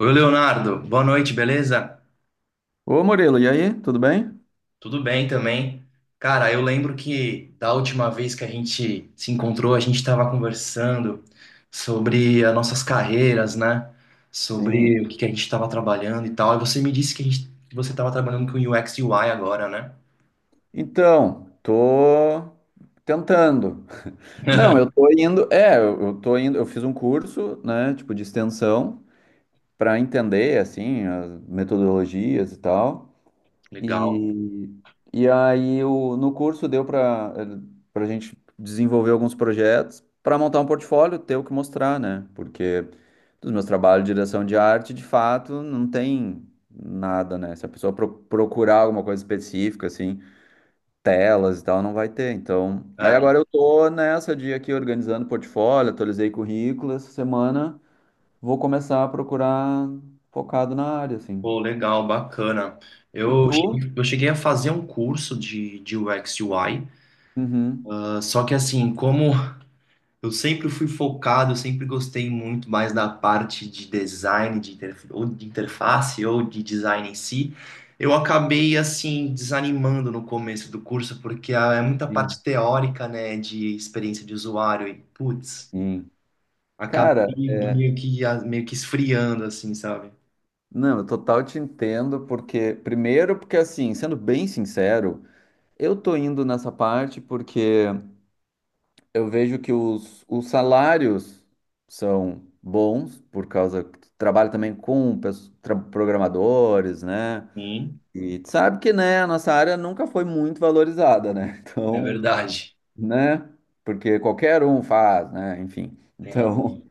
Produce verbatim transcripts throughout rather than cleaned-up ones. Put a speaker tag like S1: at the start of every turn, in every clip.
S1: Oi, Leonardo. Boa noite, beleza?
S2: Ô Murilo, e aí, tudo bem?
S1: Tudo bem também. Cara, eu lembro que da última vez que a gente se encontrou, a gente estava conversando sobre as nossas carreiras, né? Sobre o que
S2: Sim.
S1: que a gente estava trabalhando e tal. E você me disse que, a gente, que você estava trabalhando com U X e U I agora, né?
S2: Então, tô tentando. Não, eu tô indo, é, eu eu tô indo, eu fiz um curso, né, tipo de extensão para entender assim as metodologias e tal.
S1: Legal.
S2: E, e aí o, no curso deu para para a gente desenvolver alguns projetos para montar um portfólio, ter o que mostrar, né? Porque dos meus trabalhos de direção de arte, de fato, não tem nada, né? Se a pessoa pro- procurar alguma coisa específica, assim, telas e tal, não vai ter. Então, aí
S1: É,
S2: agora eu tô nessa de aqui organizando portfólio, atualizei currículo essa semana, vou começar a procurar focado na área, assim.
S1: pô, legal, bacana.
S2: E
S1: Eu
S2: tu?
S1: cheguei, eu cheguei a fazer um curso de, de U X e U I.
S2: Uhum.
S1: Ah, só que, assim, como eu sempre fui focado, eu sempre gostei muito mais da parte de design, de interf- ou de interface, ou de design em si. Eu acabei, assim, desanimando no começo do curso, porque, ah, é muita
S2: Sim.
S1: parte teórica, né, de experiência de usuário, e, putz,
S2: Sim. Cara,
S1: acabei meio que, ah, meio que esfriando, assim, sabe?
S2: não, eu total te entendo, porque, primeiro, porque assim, sendo bem sincero, eu tô indo nessa parte porque eu vejo que os, os salários são bons, por causa que tu trabalha também com pes- tra- programadores, né?
S1: Sim,
S2: E tu sabe que, né, a nossa área nunca foi muito valorizada, né?
S1: é
S2: Então,
S1: verdade.
S2: né? Porque qualquer um faz, né? Enfim.
S1: Tem
S2: Então,
S1: razão.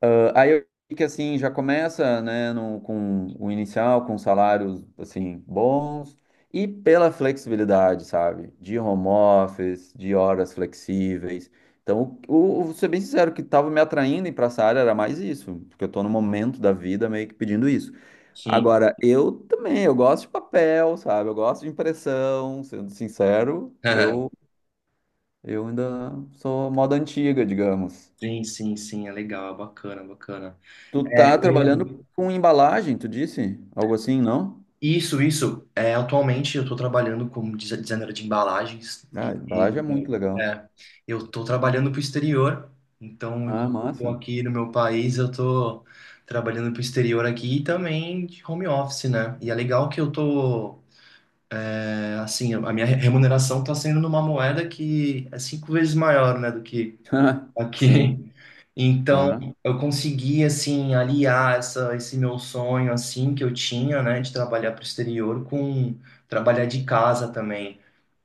S2: ah, aí eu vi que assim já começa, né, no- com o inicial, com salários assim bons e pela flexibilidade, sabe? De home office, de horas flexíveis. Então, o, o, vou ser bem sincero, o que estava me atraindo para essa área era mais isso, porque eu estou no momento da vida meio que pedindo isso.
S1: Sim.
S2: Agora, eu também, eu gosto de papel, sabe? Eu gosto de impressão, sendo sincero, eu eu ainda sou moda antiga, digamos.
S1: Sim, sim, sim, é legal, é bacana, bacana.
S2: Tu
S1: É,
S2: tá
S1: eu
S2: trabalhando com embalagem, tu disse? Algo assim, não?
S1: isso, isso. É, atualmente eu estou trabalhando como desi- designer de embalagens
S2: Ah,
S1: e,
S2: embalagem é
S1: e,
S2: muito legal.
S1: é, eu estou trabalhando para o exterior. Então,
S2: Ah,
S1: enquanto eu estou
S2: massa.
S1: aqui no meu país, eu estou trabalhando para o exterior aqui e também de home office, né? E é legal que eu estou, assim, a minha remuneração está sendo numa moeda que é cinco vezes maior, né, do que
S2: Sim.
S1: aqui. Então,
S2: Ah,
S1: eu consegui, assim, aliar essa, esse meu sonho, assim, que eu tinha, né, de trabalhar para o exterior com trabalhar de casa também.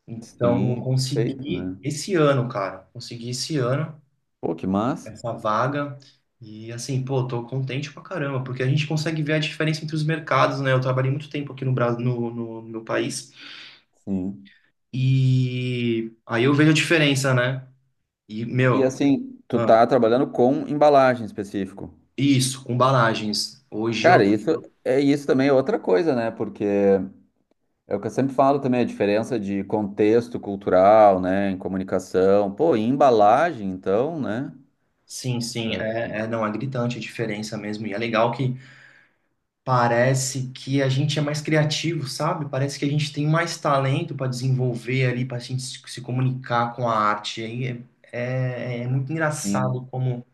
S1: Então, eu
S2: sim, perfeito,
S1: consegui
S2: né?
S1: esse ano, cara, consegui esse ano
S2: Pô, que massa.
S1: essa vaga e, assim, pô, tô contente pra caramba, porque a gente consegue ver a diferença entre os mercados, né? Eu trabalhei muito tempo aqui no Brasil, no, no, meu país,
S2: Sim.
S1: e aí eu vejo a diferença, né? E,
S2: E
S1: meu,
S2: assim, tu
S1: ah,
S2: tá trabalhando com embalagem em específico.
S1: isso, com embalagens. Hoje.
S2: Cara, isso é isso também é outra coisa, né? Porque é o que eu sempre falo também, a diferença de contexto cultural, né, em comunicação. Pô, e embalagem, então, né?
S1: Sim, sim, é, é, não, é gritante a diferença mesmo. E é legal que parece que a gente é mais criativo, sabe? Parece que a gente tem mais talento para desenvolver ali, para a gente se, se comunicar com a arte. Aí é, é, é muito engraçado
S2: Sim.
S1: como,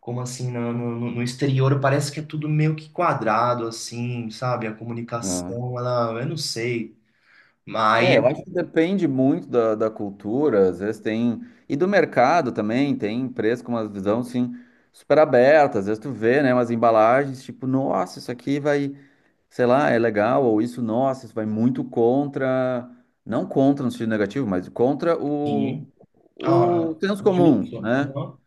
S1: como assim, no, no, no exterior parece que é tudo meio que quadrado, assim, sabe? A
S2: Ah.
S1: comunicação, ela, eu não sei. Mas
S2: É, eu
S1: aí,
S2: acho que depende muito da, da cultura, às vezes tem. E do mercado também, tem empresas com uma visão assim, super aberta, às vezes tu vê, né, umas embalagens, tipo, nossa, isso aqui vai, sei lá, é legal, ou isso, nossa, isso vai muito contra, não contra no sentido negativo, mas contra o,
S1: assim, ah,
S2: o senso
S1: o
S2: comum,
S1: fluxo,
S2: né?
S1: aham,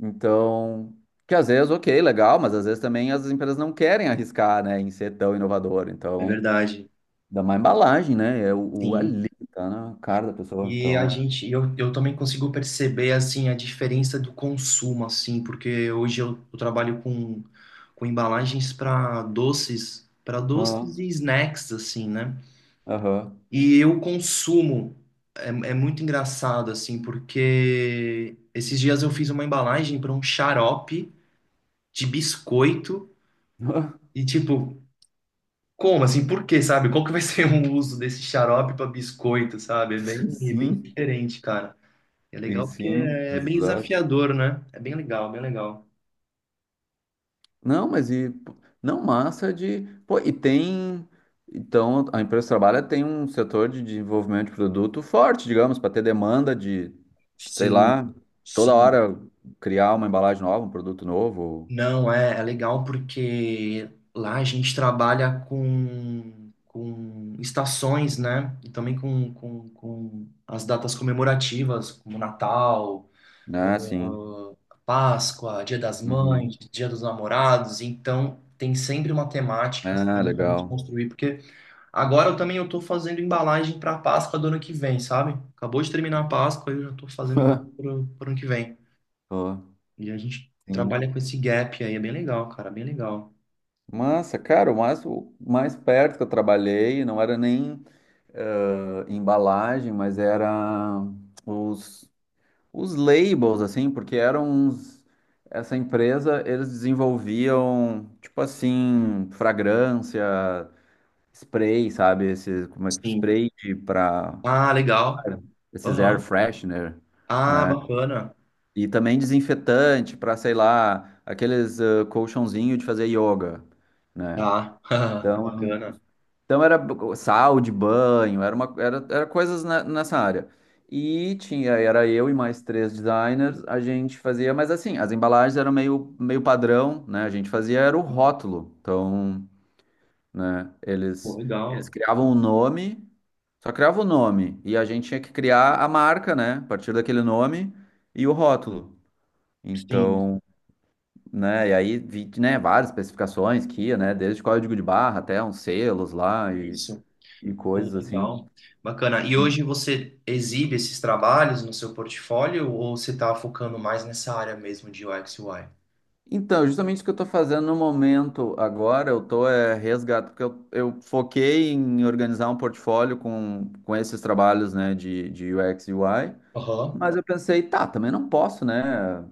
S2: Então, que às vezes, ok, legal, mas às vezes também as empresas não querem arriscar, né, em ser tão inovador,
S1: é
S2: então.
S1: verdade,
S2: Dá uma embalagem, né? É o, o
S1: sim.
S2: ali, tá na cara da pessoa.
S1: E
S2: Então
S1: a
S2: é.
S1: gente, eu, eu também consigo perceber, assim, a diferença do consumo, assim, porque hoje eu, eu trabalho com, com embalagens para doces, para doces e
S2: Aham.
S1: snacks, assim, né?
S2: Aham.
S1: E eu consumo. É, é muito engraçado, assim, porque esses dias eu fiz uma embalagem para um xarope de biscoito e tipo, como assim? Por quê, sabe? Qual que vai ser o uso desse xarope para biscoito, sabe? É bem, é bem
S2: Sim,
S1: diferente, cara. É
S2: e
S1: legal porque
S2: sim,
S1: é bem
S2: exato.
S1: desafiador, né? É bem legal, bem legal.
S2: Não, mas e. Não, massa de. Pô, e tem. Então, a empresa que trabalha tem um setor de desenvolvimento de produto forte, digamos, para ter demanda de, sei
S1: Sim,
S2: lá, toda
S1: sim.
S2: hora criar uma embalagem nova, um produto novo.
S1: Não, é, é legal porque lá a gente trabalha com, com estações, né? E também com, com, com as datas comemorativas, como Natal,
S2: Né, sim.
S1: ah, Páscoa, Dia das
S2: Uhum.
S1: Mães, Dia dos Namorados. Então, tem sempre uma temática,
S2: É,
S1: assim, pra gente
S2: legal.
S1: construir, porque. Agora eu também eu tô fazendo embalagem para Páscoa do ano que vem, sabe? Acabou de terminar a Páscoa, e eu já tô fazendo já pro, pro ano que vem.
S2: Pô,
S1: E a gente trabalha
S2: sim.
S1: com esse gap aí, é bem legal, cara, bem legal.
S2: Massa, cara, o mais, o mais perto que eu trabalhei não era nem eh, embalagem, mas era os, os labels, assim, porque eram uns. Essa empresa, eles desenvolviam, tipo assim, fragrância, spray, sabe? Esse, como é que
S1: Sim.
S2: spray para
S1: Ah, legal.
S2: esses air
S1: Aham.
S2: freshener,
S1: Ah,
S2: né?
S1: bacana.
S2: E também desinfetante para, sei lá, aqueles eh, colchãozinho de fazer yoga, né?
S1: Tá.
S2: Então,
S1: Bacana.
S2: então era b- sal de banho, era uma, era, era coisas ne- nessa área. E tinha, era eu e mais três designers, a gente fazia, mas assim, as embalagens eram meio, meio padrão, né? A gente fazia era o rótulo. Então, né,
S1: Pô,
S2: eles, eles
S1: legal.
S2: criavam o nome, só criavam o nome, e a gente tinha que criar a marca, né? A partir daquele nome e o rótulo.
S1: Sim,
S2: Então, né, e aí vi, né, várias especificações que ia, né? Desde código de barra até uns selos lá e
S1: isso. Pô,
S2: coisas assim.
S1: legal. Bacana. E hoje você exibe esses trabalhos no seu portfólio ou você tá focando mais nessa área mesmo de U X e U I?
S2: Então, justamente isso que eu estou fazendo no momento agora, eu estou é, resgatando, porque eu, eu foquei em organizar um portfólio com, com esses trabalhos, né, de, de U X e U I,
S1: Aham.
S2: mas eu pensei, tá, também não posso, né,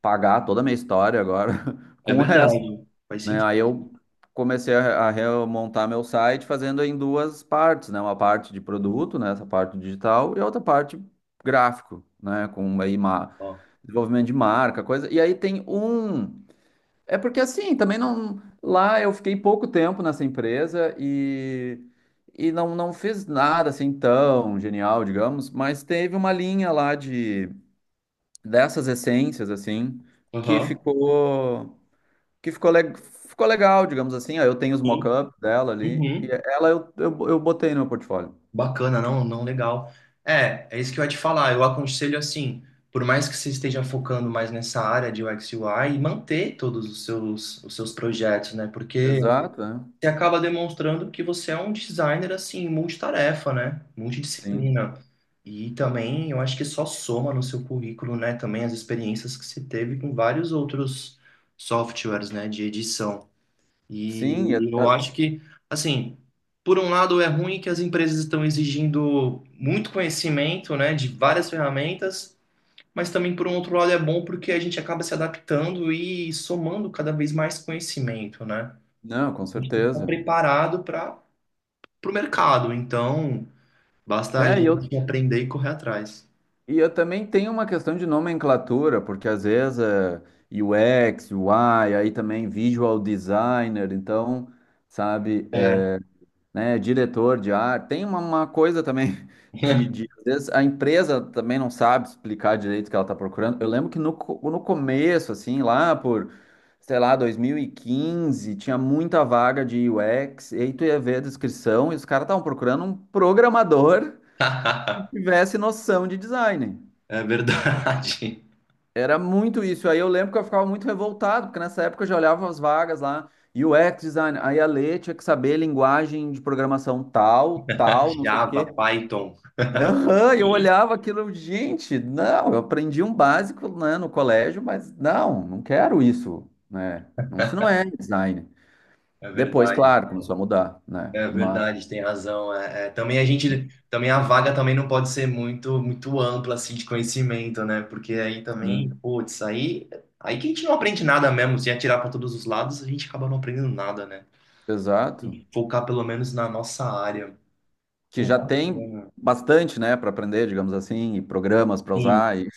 S2: pagar toda a minha história agora
S1: É
S2: com o resto.
S1: verdade. Faz
S2: Né? Aí
S1: sentido.
S2: eu comecei a a remontar meu site fazendo em duas partes, né? Uma parte de produto, né? Essa parte digital e outra parte gráfico, né? Com aí ma- desenvolvimento de marca, coisa. E aí tem um. É porque assim, também não. Lá eu fiquei pouco tempo nessa empresa e e não, não fiz nada assim tão genial, digamos, mas teve uma linha lá de dessas essências assim que
S1: Aham.
S2: ficou que ficou, le- ficou legal, digamos assim. Ó, eu tenho os
S1: Sim.
S2: mock-ups dela ali, e
S1: Uhum.
S2: ela eu, eu, eu botei no meu portfólio.
S1: Bacana, não, não, legal. É, é isso que eu ia te falar. Eu aconselho, assim, por mais que você esteja focando mais nessa área de U X e U I, manter todos os seus, os seus projetos, né? Porque
S2: Exato, é.
S1: você acaba demonstrando que você é um designer assim, multitarefa, né?
S2: Sim.
S1: Multidisciplina. E também eu acho que só soma no seu currículo, né? Também as experiências que você teve com vários outros softwares, né? De edição.
S2: Sim, e a-
S1: E eu
S2: a-
S1: acho que, assim, por um lado é ruim que as empresas estão exigindo muito conhecimento, né, de várias ferramentas, mas também por um outro lado é bom porque a gente acaba se adaptando e somando cada vez mais conhecimento, né?
S2: não,
S1: A
S2: com
S1: gente tem que estar
S2: certeza.
S1: preparado para o mercado, então basta a
S2: É, e
S1: gente
S2: eu,
S1: aprender e correr atrás.
S2: e eu também tenho uma questão de nomenclatura, porque às vezes é U X, U I, aí também visual designer, então, sabe,
S1: É.
S2: né, diretor de arte. Tem uma, uma coisa também de, de- às vezes a empresa também não sabe explicar direito o que ela está procurando. Eu lembro que no, co- no começo, assim, lá por, sei lá, dois mil e quinze, tinha muita vaga de U X, e aí tu ia ver a descrição e os caras estavam procurando um programador que tivesse noção de design.
S1: É verdade.
S2: Era muito isso. Aí eu lembro que eu ficava muito revoltado, porque nessa época eu já olhava as vagas lá. U X design, aí a Lê tinha que saber linguagem de programação tal, tal, não sei o
S1: Java,
S2: quê.
S1: Python,
S2: Aham, eu
S1: é
S2: olhava aquilo, gente, não, eu aprendi um básico, né, no colégio, mas não, não quero isso, né? Não, isso não é design. Depois,
S1: verdade.
S2: claro, começou a mudar, né?
S1: É
S2: Mas,
S1: verdade, tem razão. É, é, também a gente, também a vaga também não pode ser muito, muito ampla, assim, de conhecimento, né? Porque aí também,
S2: sim,
S1: putz, aí, aí que a gente não aprende nada mesmo. Se atirar para todos os lados, a gente acaba não aprendendo nada, né? Tem
S2: exato,
S1: que focar pelo menos na nossa área.
S2: que
S1: Pô,
S2: já tem
S1: bacana.
S2: bastante, né, para aprender, digamos assim, e programas para
S1: Sim,
S2: usar, e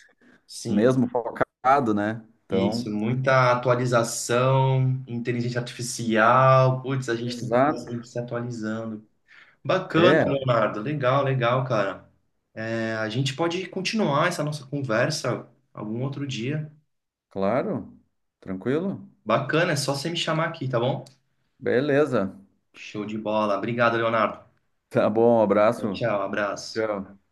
S1: sim,
S2: mesmo focado, né?
S1: isso.
S2: Então,
S1: Muita atualização, inteligência artificial. Putz, a gente tem que estar
S2: exato.
S1: sempre se atualizando. Bacana,
S2: É,
S1: Leonardo. Legal, legal, cara. É, a gente pode continuar essa nossa conversa algum outro dia.
S2: claro, tranquilo?
S1: Bacana, é só você me chamar aqui, tá bom?
S2: Beleza.
S1: Show de bola. Obrigado, Leonardo.
S2: Tá bom,
S1: Tchau,
S2: abraço.
S1: tchau, abraço.
S2: Tchau.